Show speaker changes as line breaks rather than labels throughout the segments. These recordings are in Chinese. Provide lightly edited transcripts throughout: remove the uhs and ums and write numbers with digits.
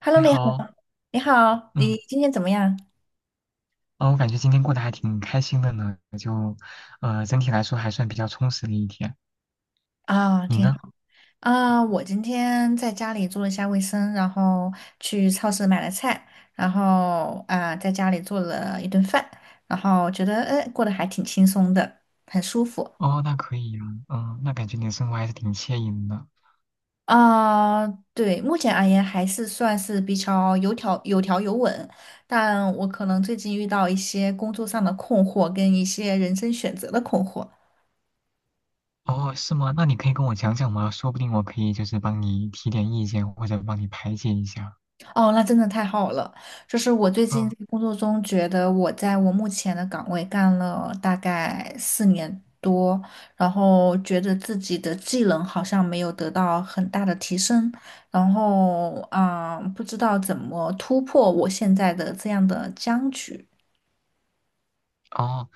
Hello，
你
你好，
好。
你好，你
嗯，
今天怎么样？
哦，我感觉今天过得还挺开心的呢，整体来说还算比较充实的一天。
啊、
你
挺
呢？
好。啊、我今天在家里做了一下卫生，然后去超市买了菜，然后啊、在家里做了一顿饭，然后觉得哎，过得还挺轻松的，很舒服。
哦，那可以呀。那感觉你的生活还是挺惬意的。
啊、对，目前而言还是算是比较有条有稳，但我可能最近遇到一些工作上的困惑，跟一些人生选择的困惑。
哦，是吗？那你可以跟我讲讲吗？说不定我可以帮你提点意见，或者帮你排解一下。
哦，那真的太好了！就是我最近
嗯。
在工作中觉得我在我目前的岗位干了大概4年多，然后觉得自己的技能好像没有得到很大的提升，然后啊，不知道怎么突破我现在的这样的僵局。
哦，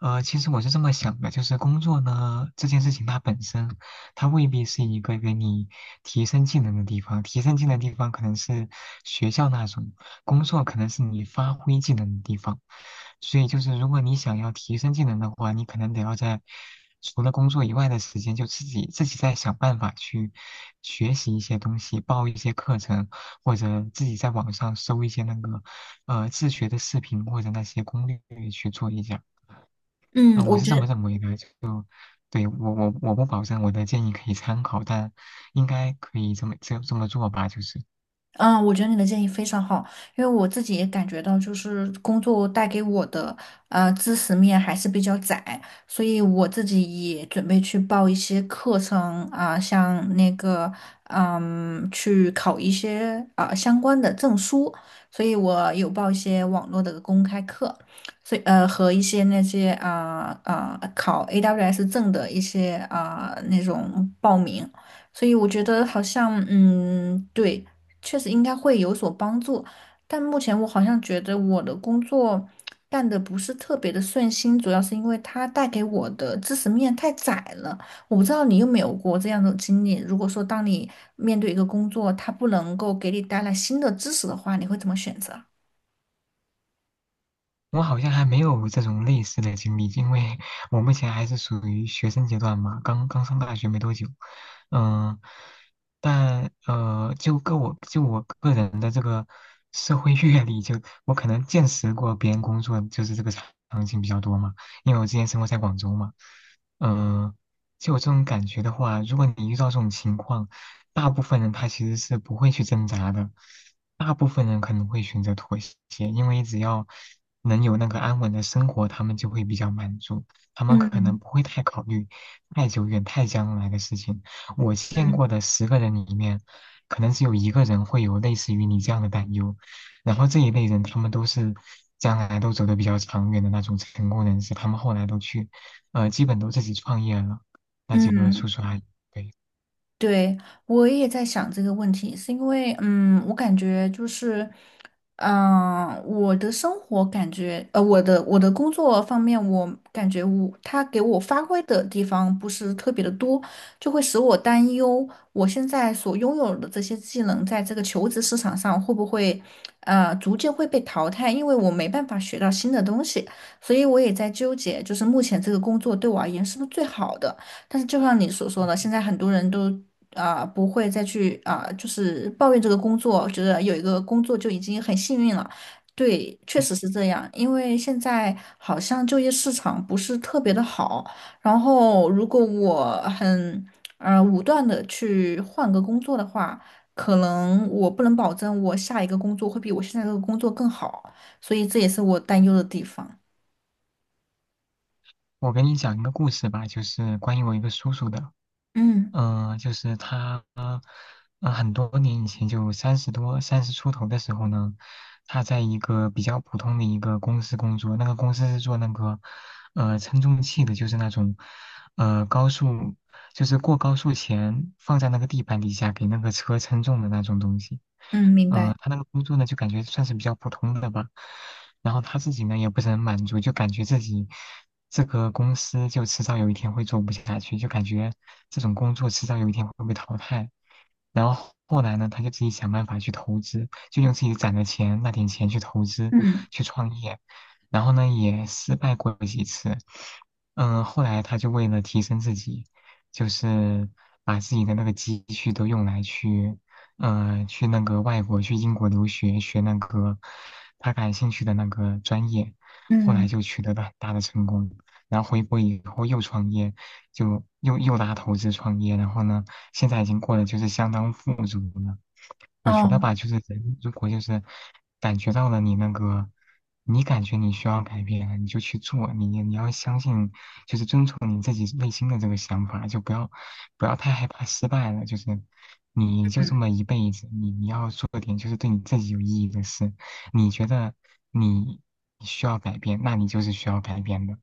其实我是这么想的，工作呢这件事情，它本身它未必是一个给你提升技能的地方，提升技能的地方可能是学校那种，工作可能是你发挥技能的地方。所以如果你想要提升技能的话，你可能得要在除了工作以外的时间，就自己再想办法去学习一些东西，报一些课程，或者自己在网上搜一些那个自学的视频或者那些攻略去做一下。
嗯，
我
我
是
觉
这么
得
认为的。对，我不保证我的建议可以参考，但应该可以这么做吧，就是。
嗯，我觉得你的建议非常好，因为我自己也感觉到，就是工作带给我的知识面还是比较窄，所以我自己也准备去报一些课程啊、像那个去考一些啊、相关的证书，所以我有报一些网络的公开课，所以和一些那些啊啊、考 AWS 证的一些啊、那种报名。所以我觉得好像，嗯，对，确实应该会有所帮助，但目前我好像觉得我的工作干得不是特别的顺心，主要是因为它带给我的知识面太窄了。我不知道你有没有过这样的经历，如果说当你面对一个工作，它不能够给你带来新的知识的话，你会怎么选择？
我好像还没有这种类似的经历，因为我目前还是属于学生阶段嘛，刚刚上大学没多久。嗯，但就个我就我个人的这个社会阅历，就我可能见识过别人工作就是这个场景比较多嘛，因为我之前生活在广州嘛。嗯、就有这种感觉的话，如果你遇到这种情况，大部分人他其实是不会去挣扎的，大部分人可能会选择妥协，因为只要能有那个安稳的生活，他们就会比较满足，他们
嗯
可能不会太考虑太久远、太将来的事情。我见
嗯
过的十个人里面，可能只有一个人会有类似于你这样的担忧，然后这一类人他们都是，将来都走得比较长远的那种成功人士。他们后来都去，基本都自己创业了，那几个叔
嗯，
叔阿姨，对。
对，我也在想这个问题，是因为，嗯，我感觉就是，我的生活感觉，我的工作方面，我感觉我他给我发挥的地方不是特别的多，就会使我担忧，我现在所拥有的这些技能，在这个求职市场上会不会，逐渐会被淘汰，因为我没办法学到新的东西，所以我也在纠结，就是目前这个工作对我而言是不是最好的。但是就像你所说的，现在很多人都啊、不会再去啊、就是抱怨这个工作，觉得有一个工作就已经很幸运了。对，确实是这样，因为现在好像就业市场不是特别的好，然后如果我很武断的去换个工作的话，可能我不能保证我下一个工作会比我现在这个工作更好，所以这也是我担忧的地方。
我给你讲一个故事吧，就是关于我一个叔叔的。
嗯
就是他，很多年以前，就三十多、三十出头的时候呢，他在一个比较普通的一个公司工作。那个公司是做那个称重器的，就是那种高速，就是过高速前放在那个地板底下给那个车称重的那种东西。
嗯，明白。
他那个工作呢，就感觉算是比较普通的吧。然后他自己呢，也不是很满足，就感觉自己，这个公司就迟早有一天会做不下去，就感觉这种工作迟早有一天会被淘汰。然后后来呢，他就自己想办法去投资，就用自己攒的钱那点钱去投资，
嗯
去创业。然后呢，也失败过几次。嗯，后来他就为了提升自己，就是把自己的那个积蓄都用来去，去那个外国，去英国留学，学那个他感兴趣的那个专业。后来
嗯
就取得了很大的成功。然后回国以后又创业，就又拉投资创业，然后呢，现在已经过得就是相当富足了。我觉得
哦。
吧，就是人如果就是感觉到了你那个，你感觉你需要改变，你就去做。你要相信，就是遵从你自己内心的这个想法，就不要太害怕失败了。就是你就这
嗯
么一辈子，你要做点就是对你自己有意义的事，你觉得你需要改变，那你就是需要改变的。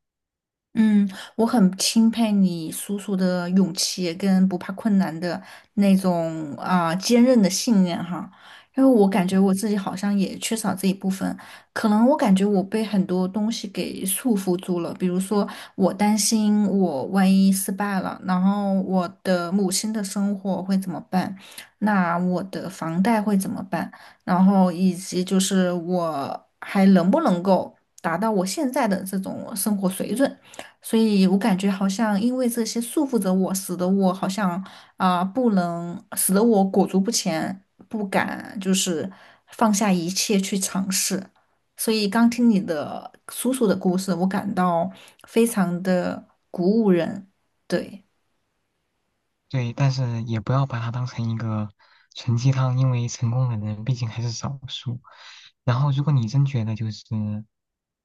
嗯，我很钦佩你叔叔的勇气跟不怕困难的那种啊、坚韧的信念哈，因为我感觉我自己好像也缺少这一部分，可能我感觉我被很多东西给束缚住了，比如说我担心我万一失败了，然后我的母亲的生活会怎么办，那我的房贷会怎么办，然后以及就是我还能不能够达到我现在的这种生活水准。所以我感觉好像因为这些束缚着我，使得我好像啊、不能，使得我裹足不前，不敢就是放下一切去尝试。所以刚听你的叔叔的故事，我感到非常的鼓舞人。对，
对，但是也不要把它当成一个纯鸡汤，因为成功的人毕竟还是少数。然后，如果你真觉得就是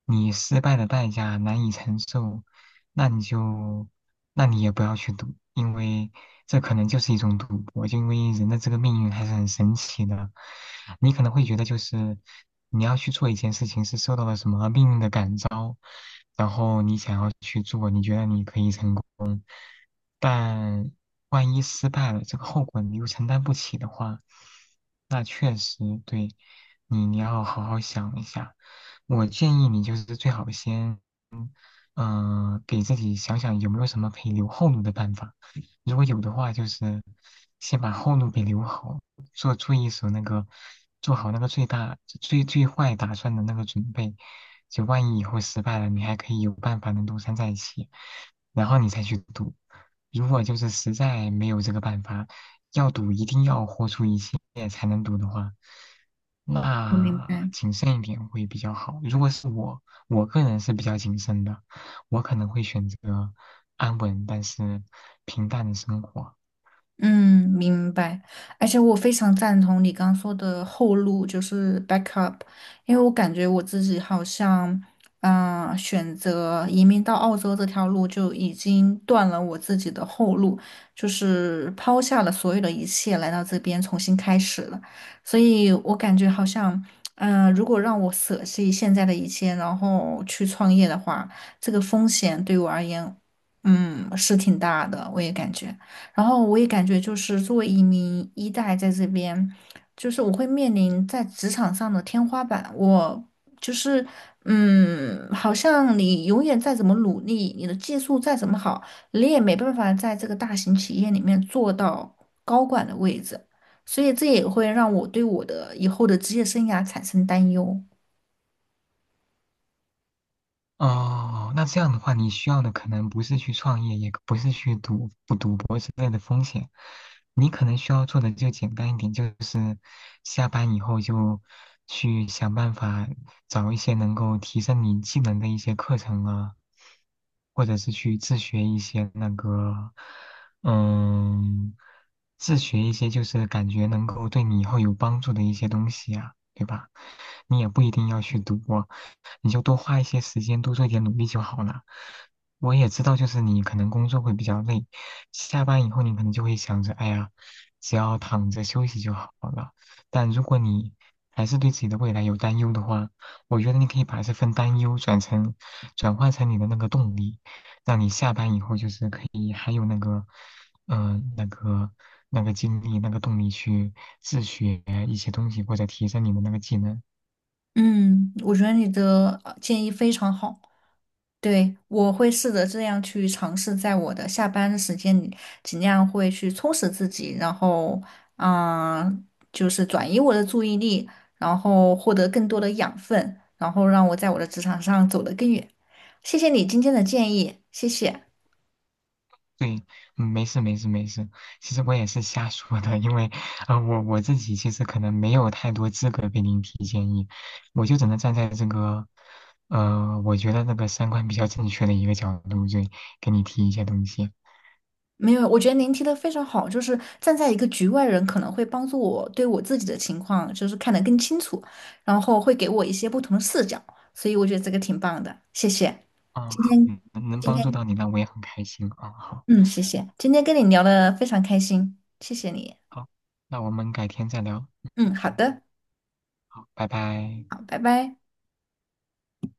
你失败的代价难以承受，那你就，那你也不要去赌，因为这可能就是一种赌博。就因为人的这个命运还是很神奇的，你可能会觉得就是你要去做一件事情是受到了什么命运的感召，然后你想要去做，你觉得你可以成功。但万一失败了，这个后果你又承担不起的话，那确实对你，你要好好想一下。我建议你就是最好先给自己想想有没有什么可以留后路的办法。如果有的话，就是先把后路给留好，做一手那个，做好那个最大最最坏打算的那个准备。就万一以后失败了，你还可以有办法能东山再起，然后你再去赌。如果就是实在没有这个办法，要赌一定要豁出一切才能赌的话，
我明
那
白。
谨慎一点会比较好。如果是我，我个人是比较谨慎的，我可能会选择安稳但是平淡的生活。
嗯，明白。而且我非常赞同你刚说的后路，就是 backup，因为我感觉我自己好像，选择移民到澳洲这条路就已经断了我自己的后路，就是抛下了所有的一切来到这边重新开始了。所以我感觉好像，如果让我舍弃现在的一切，然后去创业的话，这个风险对我而言，嗯，是挺大的，我也感觉。然后我也感觉就是作为一名一代在这边，就是我会面临在职场上的天花板。我就是嗯，好像你永远再怎么努力，你的技术再怎么好，你也没办法在这个大型企业里面做到高管的位置。所以这也会让我对我的以后的职业生涯产生担忧。
哦，那这样的话，你需要的可能不是去创业，也不是去赌不赌博之类的风险。你可能需要做的就简单一点，就是下班以后就去想办法找一些能够提升你技能的一些课程啊，或者是去自学一些那个，嗯，自学一些就是感觉能够对你以后有帮助的一些东西啊，对吧？你也不一定要去读啊，你就多花一些时间，多做一点努力就好了。我也知道，就是你可能工作会比较累，下班以后你可能就会想着，哎呀，只要躺着休息就好了。但如果你还是对自己的未来有担忧的话，我觉得你可以把这份担忧转成，转化成你的那个动力，让你下班以后就是可以还有嗯，那个那个精力、那个动力去自学一些东西，或者提升你的那个技能。
嗯，我觉得你的建议非常好。对，我会试着这样去尝试，在我的下班的时间里，尽量会去充实自己，然后，嗯，就是转移我的注意力，然后获得更多的养分，然后让我在我的职场上走得更远。谢谢你今天的建议，谢谢。
对，没事没事没事。其实我也是瞎说的，因为我我自己其实可能没有太多资格给您提建议，我就只能站在这个，我觉得那个三观比较正确的一个角度，就给你提一些东西。
没有，我觉得您提的非常好，就是站在一个局外人，可能会帮助我对我自己的情况就是看得更清楚，然后会给我一些不同的视角，所以我觉得这个挺棒的，谢谢。
好，
今天
能
今
帮助到
天。
你，那我也很开心啊。好，
嗯，谢谢，今天跟你聊的非常开心，谢谢你。
好，那我们改天再聊。
嗯，好
嗯，
的，
好，拜拜。
好，拜拜。